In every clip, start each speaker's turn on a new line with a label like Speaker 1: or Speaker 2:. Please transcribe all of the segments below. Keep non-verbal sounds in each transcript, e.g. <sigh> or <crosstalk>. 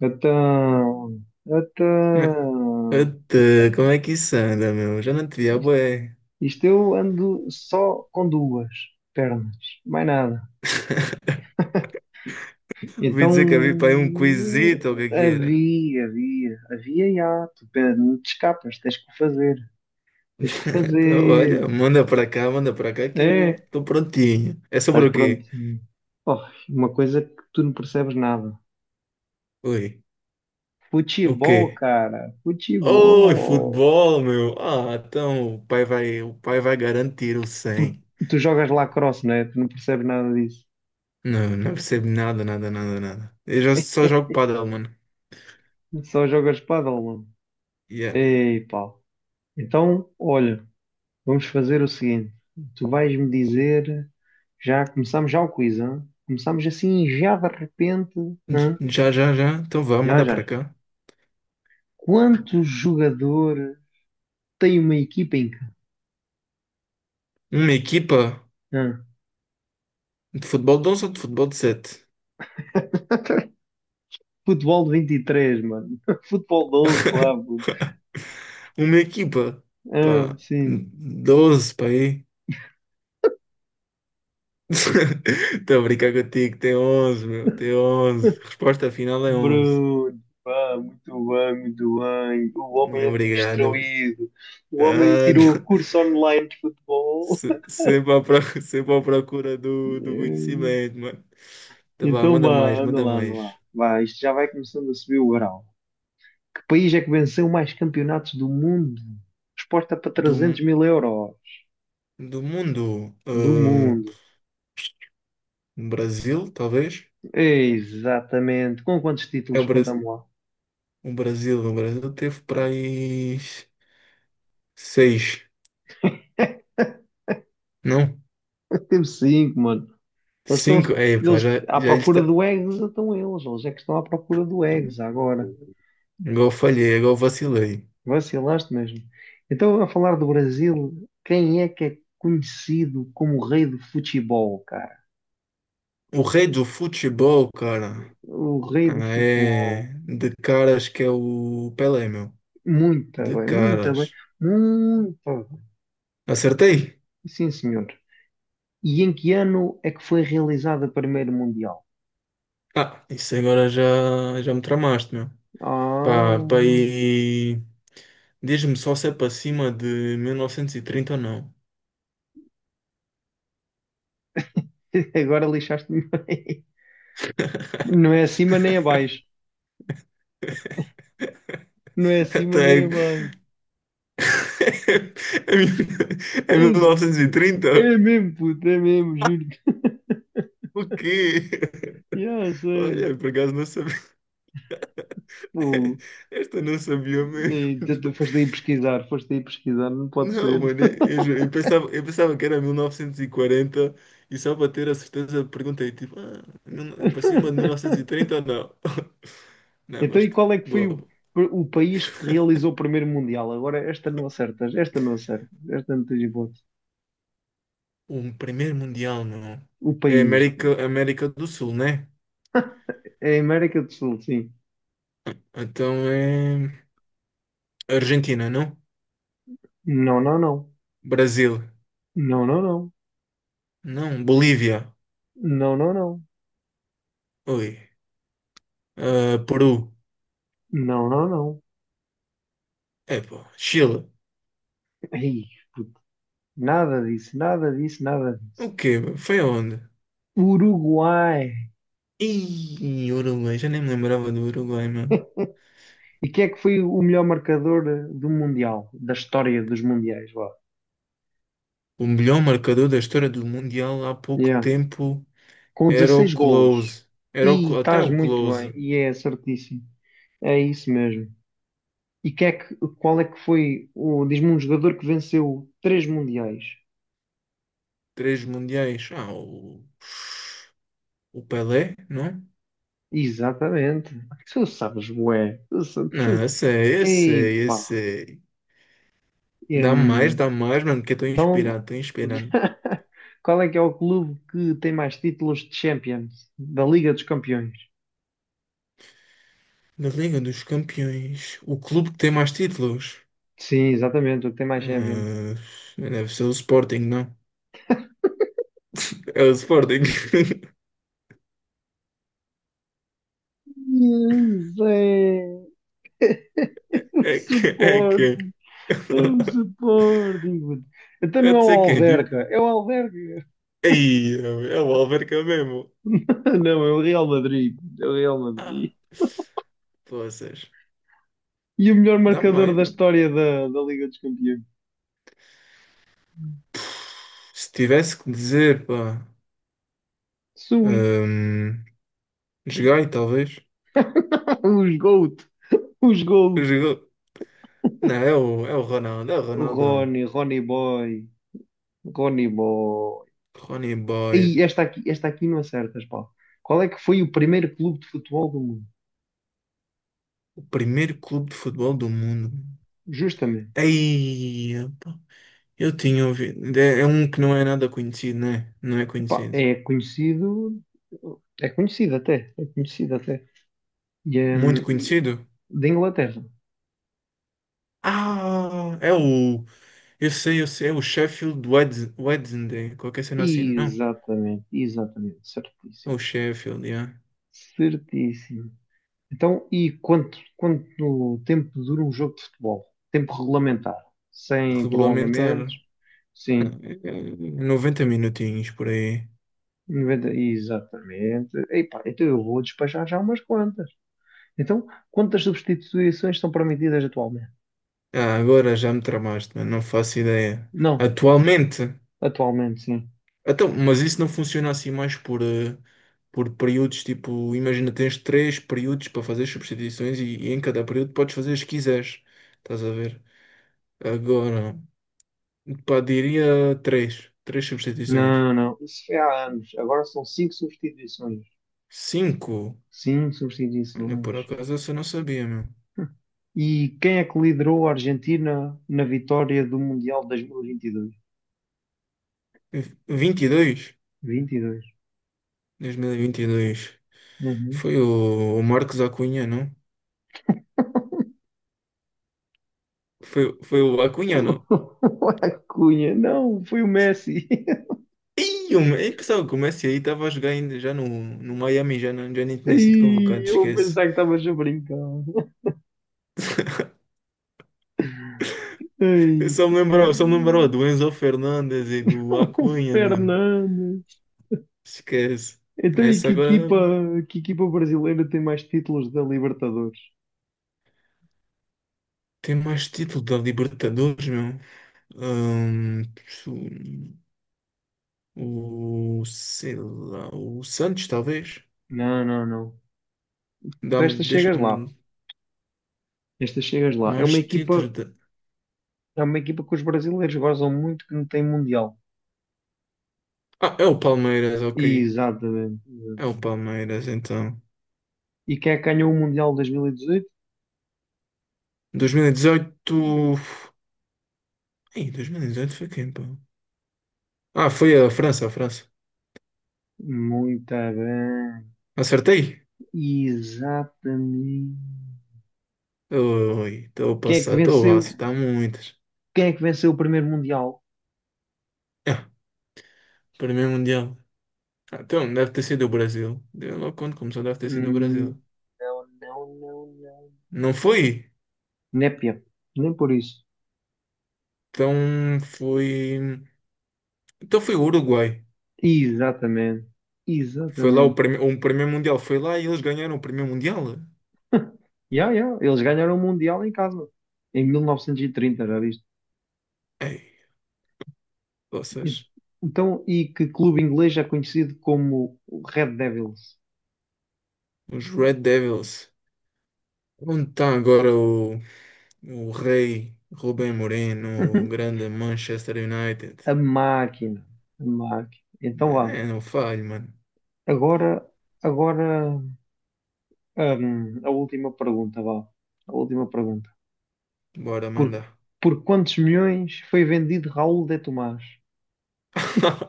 Speaker 1: Então, então,
Speaker 2: Até, como é que isso anda, meu? Já não te vi há
Speaker 1: isto,
Speaker 2: bué.
Speaker 1: isto eu ando só com duas pernas, mais nada.
Speaker 2: <laughs> Ouvi
Speaker 1: Então,
Speaker 2: dizer que havia para aí um quizito ou o que é que era.
Speaker 1: havia, já, não te escapas, tens que o fazer,
Speaker 2: <laughs>
Speaker 1: tens que o
Speaker 2: Então,
Speaker 1: fazer.
Speaker 2: olha, manda para cá que eu
Speaker 1: É,
Speaker 2: estou prontinho. É
Speaker 1: estás
Speaker 2: sobre o
Speaker 1: pronto.
Speaker 2: quê?
Speaker 1: Oh, uma coisa que tu não percebes nada.
Speaker 2: Oi, o
Speaker 1: Futebol,
Speaker 2: quê?
Speaker 1: cara,
Speaker 2: Oi,
Speaker 1: futebol.
Speaker 2: futebol, meu. Ah, então o pai vai garantir o
Speaker 1: Tu,
Speaker 2: 100.
Speaker 1: tu jogas lacrosse, não é? Tu não percebes nada disso.
Speaker 2: Não, não percebo nada, nada, nada, nada. Eu já só jogo padel, mano.
Speaker 1: Só jogas pádel.
Speaker 2: Yeah.
Speaker 1: Ei, Paulo. Então, olha, vamos fazer o seguinte. Tu vais-me dizer, já começamos já o quiz, hã? Começamos assim já de repente, hã?
Speaker 2: Já, já, já. Então vá,
Speaker 1: Já,
Speaker 2: manda
Speaker 1: já,
Speaker 2: para
Speaker 1: já.
Speaker 2: cá.
Speaker 1: Quanto jogador tem uma equipa em campo?
Speaker 2: Uma equipa
Speaker 1: Hã?
Speaker 2: de futebol de 11 ou de futebol de 7?
Speaker 1: Futebol de 23, mano. <laughs> Futebol de 11,
Speaker 2: <laughs>
Speaker 1: claro, puto.
Speaker 2: Uma equipa,
Speaker 1: Ah,
Speaker 2: pá,
Speaker 1: sim.
Speaker 2: 12 para aí. <laughs> Estou a brincar contigo, tem 11, meu, tem 11. Resposta final é 11.
Speaker 1: Bruno, pá, muito bem, muito bem. O
Speaker 2: Muito
Speaker 1: homem anda
Speaker 2: obrigado.
Speaker 1: instruído. O homem
Speaker 2: Ah,
Speaker 1: tirou
Speaker 2: não.
Speaker 1: curso
Speaker 2: <laughs>
Speaker 1: online de futebol.
Speaker 2: <laughs> Sempre à procura do
Speaker 1: <laughs>
Speaker 2: conhecimento, mano. Tá bom,
Speaker 1: Então,
Speaker 2: manda mais,
Speaker 1: vá, anda
Speaker 2: manda
Speaker 1: lá, anda lá.
Speaker 2: mais.
Speaker 1: Vá, isto já vai começando a subir o grau. Que país é que venceu mais campeonatos do mundo? Resposta para
Speaker 2: Do,
Speaker 1: 300 mil euros.
Speaker 2: do mundo,
Speaker 1: Do mundo.
Speaker 2: Brasil, talvez?
Speaker 1: Exatamente. Com quantos
Speaker 2: É
Speaker 1: títulos
Speaker 2: o Brasil.
Speaker 1: contamos lá?
Speaker 2: O Brasil teve para aí seis, não?
Speaker 1: <laughs> Temos cinco, mano. Eles estão
Speaker 2: Cinco? Aí, pá,
Speaker 1: eles
Speaker 2: já,
Speaker 1: à
Speaker 2: já
Speaker 1: procura
Speaker 2: está.
Speaker 1: do Eggs, estão eles. Eles é que estão à procura do Eggs agora.
Speaker 2: Igual falhei, igual vacilei.
Speaker 1: Vacilaste mesmo. Então, a falar do Brasil, quem é que é conhecido como o rei do futebol, cara?
Speaker 2: O rei do futebol, cara,
Speaker 1: O rei do futebol.
Speaker 2: é de caras que é o Pelé, meu.
Speaker 1: Muito
Speaker 2: De
Speaker 1: bem, muito bem,
Speaker 2: caras.
Speaker 1: muito bem.
Speaker 2: Acertei?
Speaker 1: Sim, senhor. E em que ano é que foi realizado o primeiro Mundial?
Speaker 2: Ah, isso agora já me tramaste, meu.
Speaker 1: Ah,
Speaker 2: Pá, e diz-me só se é para cima de 1930 ou não.
Speaker 1: <laughs> agora lixaste-me bem. Não é acima nem abaixo. Não é
Speaker 2: <laughs>
Speaker 1: acima nem
Speaker 2: Até.
Speaker 1: abaixo.
Speaker 2: <laughs> É
Speaker 1: É,
Speaker 2: 1930?
Speaker 1: é mesmo, puto, é mesmo, juro-te.
Speaker 2: O quê?
Speaker 1: Yeah,
Speaker 2: <laughs>
Speaker 1: sério.
Speaker 2: Olha, por acaso não.
Speaker 1: Pô,
Speaker 2: <laughs> Esta não sabia mesmo.
Speaker 1: e tu foste aí pesquisar, não pode
Speaker 2: Não,
Speaker 1: ser.
Speaker 2: mano, eu juro, eu pensava que era 1940 e 40 e só para ter a certeza perguntei, tipo, ah, para cima de
Speaker 1: <laughs>
Speaker 2: 1930 ou não? <laughs> Não,
Speaker 1: Então,
Speaker 2: mas
Speaker 1: e
Speaker 2: tá
Speaker 1: qual é que foi o,
Speaker 2: bobo.
Speaker 1: o país que realizou o primeiro Mundial? Agora, esta não acertas, esta não acertas, esta não tens hipótese.
Speaker 2: Um primeiro mundial, não.
Speaker 1: O
Speaker 2: É
Speaker 1: país
Speaker 2: América, América do Sul, né?
Speaker 1: é a América do Sul, sim.
Speaker 2: Então é Argentina, não?
Speaker 1: Não, não, não.
Speaker 2: Brasil,
Speaker 1: Não, não, não.
Speaker 2: não? Bolívia,
Speaker 1: Não, não, não.
Speaker 2: oi. Ah, Peru,
Speaker 1: Não, não, não.
Speaker 2: é pá, Chile.
Speaker 1: Ai, puto. Nada disso, nada disso, nada disso.
Speaker 2: O quê, meu? Foi aonde?
Speaker 1: Uruguai.
Speaker 2: E Uruguai, já nem me lembrava do Uruguai, mano.
Speaker 1: E quem é que foi o melhor marcador do Mundial? Da história dos Mundiais, vá.
Speaker 2: O melhor marcador da história do Mundial há pouco
Speaker 1: Yeah.
Speaker 2: tempo
Speaker 1: Com
Speaker 2: era o
Speaker 1: 16 golos.
Speaker 2: Close.
Speaker 1: E
Speaker 2: Até
Speaker 1: estás
Speaker 2: o
Speaker 1: muito bem.
Speaker 2: Close.
Speaker 1: E é certíssimo. É isso mesmo. Qual é que foi, o diz-me um jogador que venceu três mundiais.
Speaker 2: Três mundiais. Ah, o Pelé, não?
Speaker 1: Exatamente. Tu sabes, bué. Tu, sa-
Speaker 2: Não,
Speaker 1: tu.
Speaker 2: eu sei, eu
Speaker 1: Ei,
Speaker 2: sei, eu
Speaker 1: pá.
Speaker 2: sei.
Speaker 1: Hum,
Speaker 2: Dá mais, mano, porque eu estou
Speaker 1: então,
Speaker 2: inspirado, estou inspirado.
Speaker 1: <laughs> qual é que é o clube que tem mais títulos de Champions? Da Liga dos Campeões.
Speaker 2: Na Liga dos Campeões, o clube que tem mais títulos.
Speaker 1: Sim, exatamente, o que tem mais Champions.
Speaker 2: Ah, deve ser o Sporting, não? É o Sporting. <laughs>
Speaker 1: Yes, é. O
Speaker 2: É que.
Speaker 1: Sporting. É o
Speaker 2: <laughs>
Speaker 1: Sporting. Então
Speaker 2: É
Speaker 1: não é
Speaker 2: de
Speaker 1: o
Speaker 2: ser quem? Tipo,
Speaker 1: Alverca. É o Alverca.
Speaker 2: aí, é o Alverca mesmo.
Speaker 1: <laughs> Ah, não, é o Real Madrid. É o Real
Speaker 2: Ah,
Speaker 1: Madrid.
Speaker 2: poças.
Speaker 1: E o melhor
Speaker 2: Dá
Speaker 1: marcador
Speaker 2: mais,
Speaker 1: da
Speaker 2: mano.
Speaker 1: história da Liga dos Campeões.
Speaker 2: Se tivesse que dizer, pá.
Speaker 1: Sui.
Speaker 2: hum, Joguei, talvez.
Speaker 1: <laughs> Os GOAT. Os GOAT.
Speaker 2: Jogou. Não, é o Ronaldo, é o
Speaker 1: O
Speaker 2: Ronaldão.
Speaker 1: Rony, Rony Boy. Rony Boy.
Speaker 2: Ronnie
Speaker 1: E
Speaker 2: Boy,
Speaker 1: esta aqui não acertas, pá. Qual é que foi o primeiro clube de futebol do mundo?
Speaker 2: o primeiro clube de futebol do mundo.
Speaker 1: Justamente.
Speaker 2: Aí, pá. Eu tinha ouvido. É um que não é nada conhecido, né? Não é
Speaker 1: Epá,
Speaker 2: conhecido.
Speaker 1: é conhecido. É conhecido até. É conhecido até. E,
Speaker 2: Muito
Speaker 1: hum, e-
Speaker 2: conhecido?
Speaker 1: Da Inglaterra.
Speaker 2: Ah, é o eu sei, eu sei, é o Sheffield Wednesday, qualquer cena assim, não.
Speaker 1: Exatamente, exatamente.
Speaker 2: É
Speaker 1: Certíssimo.
Speaker 2: o Sheffield, yeah.
Speaker 1: Certíssimo. Então, e quanto tempo dura um jogo de futebol? Tempo regulamentar, sem
Speaker 2: Regulamentar.
Speaker 1: prolongamentos?
Speaker 2: Ah,
Speaker 1: Sim,
Speaker 2: é 90 minutinhos por aí.
Speaker 1: 90, exatamente. Epá, então eu vou despachar já umas quantas. Então, quantas substituições são permitidas atualmente?
Speaker 2: Ah, agora já me tramaste, mano, não faço ideia.
Speaker 1: Não,
Speaker 2: Atualmente?
Speaker 1: atualmente sim.
Speaker 2: Então, mas isso não funciona assim mais por períodos, tipo, imagina, tens três períodos para fazer substituições e em cada período podes fazer as que quiseres. Estás a ver? Agora, pá, diria três. Três substituições.
Speaker 1: Não, não, isso foi há anos. Agora são cinco substituições.
Speaker 2: Cinco?
Speaker 1: Cinco
Speaker 2: Olha, por
Speaker 1: substituições.
Speaker 2: acaso essa eu não sabia, meu.
Speaker 1: E quem é que liderou a Argentina na vitória do Mundial de 2022?
Speaker 2: 22?
Speaker 1: 22.
Speaker 2: 2022. Foi o Marcos Acunha, não? Foi o Acunha, não?
Speaker 1: <laughs> O Acunha, não, foi o Messi.
Speaker 2: Ih, eu pensava que o Messi aí estava a jogar ainda já no Miami, já, não, já nem
Speaker 1: <laughs>
Speaker 2: tinha sido convocado,
Speaker 1: Ai, eu vou
Speaker 2: esquece.
Speaker 1: pensar que estavas a brincar.
Speaker 2: Eu
Speaker 1: Ai.
Speaker 2: só me lembrava
Speaker 1: <laughs>
Speaker 2: do Enzo Fernandes e
Speaker 1: O
Speaker 2: do Acunha, mano.
Speaker 1: Fernandes.
Speaker 2: Esquece.
Speaker 1: Então, e
Speaker 2: Essa agora
Speaker 1: que equipa brasileira tem mais títulos da Libertadores?
Speaker 2: tem mais título da Libertadores, meu. Ahn, Sei lá, o Santos, talvez.
Speaker 1: Não, não, não. Tu esta chegas lá.
Speaker 2: Deixa-me
Speaker 1: Esta chegas lá.
Speaker 2: mais títulos de...
Speaker 1: É uma equipa que os brasileiros gozam muito que não tem Mundial.
Speaker 2: Ah, é o Palmeiras, ok.
Speaker 1: Exatamente.
Speaker 2: É o Palmeiras, então.
Speaker 1: E quem é que ganhou o Mundial de 2018?
Speaker 2: 2018. Ei, 2018 foi quem, pô? Ah, foi a França, a França.
Speaker 1: Muito bem.
Speaker 2: Acertei?
Speaker 1: Exatamente.
Speaker 2: Oi, estou a
Speaker 1: Quem é que
Speaker 2: passar, estou a
Speaker 1: venceu?
Speaker 2: acertar muitas.
Speaker 1: Quem é que venceu o primeiro Mundial?
Speaker 2: Ah, primeiro Mundial. Ah, então, deve ter sido o Brasil. Deu logo quando começou, deve ter sido o
Speaker 1: Hum,
Speaker 2: Brasil.
Speaker 1: não, não, não, não.
Speaker 2: Não foi?
Speaker 1: Népia. Nem por isso.
Speaker 2: Então foi. Então foi o Uruguai.
Speaker 1: Exatamente.
Speaker 2: Foi lá o
Speaker 1: Exatamente.
Speaker 2: primeiro Mundial. Foi lá e eles ganharam o primeiro Mundial.
Speaker 1: Yeah, yeah. Eles ganharam o Mundial em casa. Em 1930, já viste?
Speaker 2: Ei,
Speaker 1: E-
Speaker 2: vocês.
Speaker 1: Então, e que clube inglês é conhecido como o Red Devils?
Speaker 2: Os Red Devils. Onde está agora o rei Rubem Moreno, o
Speaker 1: <laughs>
Speaker 2: grande Manchester United?
Speaker 1: A máquina. A máquina. Então vá.
Speaker 2: É, não falho, mano.
Speaker 1: Agora, agora. A última pergunta, vá. A última pergunta.
Speaker 2: Bora
Speaker 1: Por,
Speaker 2: mandar.
Speaker 1: por quantos milhões foi vendido Raul de Tomás?
Speaker 2: Pá,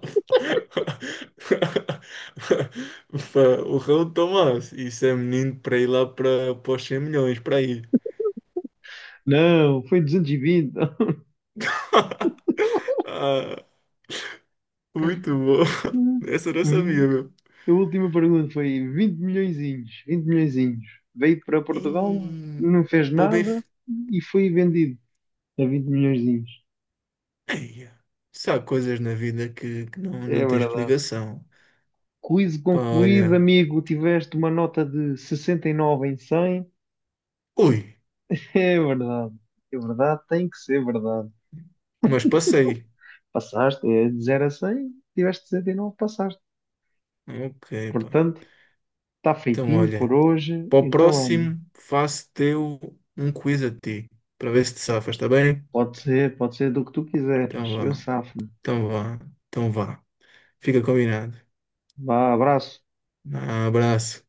Speaker 2: <laughs> O Raul Tomás. Isso é menino para ir lá para os 100 milhões, para ir.
Speaker 1: Não, foi 220.
Speaker 2: <laughs> Ah, muito bom.
Speaker 1: <laughs>
Speaker 2: Essa eu não
Speaker 1: Hum,
Speaker 2: sabia, meu.
Speaker 1: A última pergunta foi 20 milhõezinhos, 20 milhõezinhos. Veio para Portugal,
Speaker 2: Ei,
Speaker 1: não fez
Speaker 2: pô, bem...
Speaker 1: nada e foi vendido a 20 milhõezinhos.
Speaker 2: Ei, se há coisas na vida que não,
Speaker 1: É
Speaker 2: não tem
Speaker 1: verdade.
Speaker 2: explicação.
Speaker 1: Quiz
Speaker 2: Pá,
Speaker 1: concluído,
Speaker 2: olha.
Speaker 1: amigo. Tiveste uma nota de 69 em 100.
Speaker 2: Ui,
Speaker 1: <laughs> É verdade. É verdade, tem que ser verdade.
Speaker 2: mas passei.
Speaker 1: Passaste, é de 0 a 100, tiveste 69, passaste.
Speaker 2: Ok, pá.
Speaker 1: Portanto, está
Speaker 2: Então,
Speaker 1: feitinho por
Speaker 2: olha.
Speaker 1: hoje,
Speaker 2: Para o
Speaker 1: então olha,
Speaker 2: próximo, faço-te eu um quiz a ti. Para ver se te safas, está bem?
Speaker 1: pode ser do que tu
Speaker 2: Então
Speaker 1: quiseres, eu
Speaker 2: vá.
Speaker 1: safo-me.
Speaker 2: Então vá. Então vá. Fica combinado.
Speaker 1: Vá, abraço.
Speaker 2: Abraço.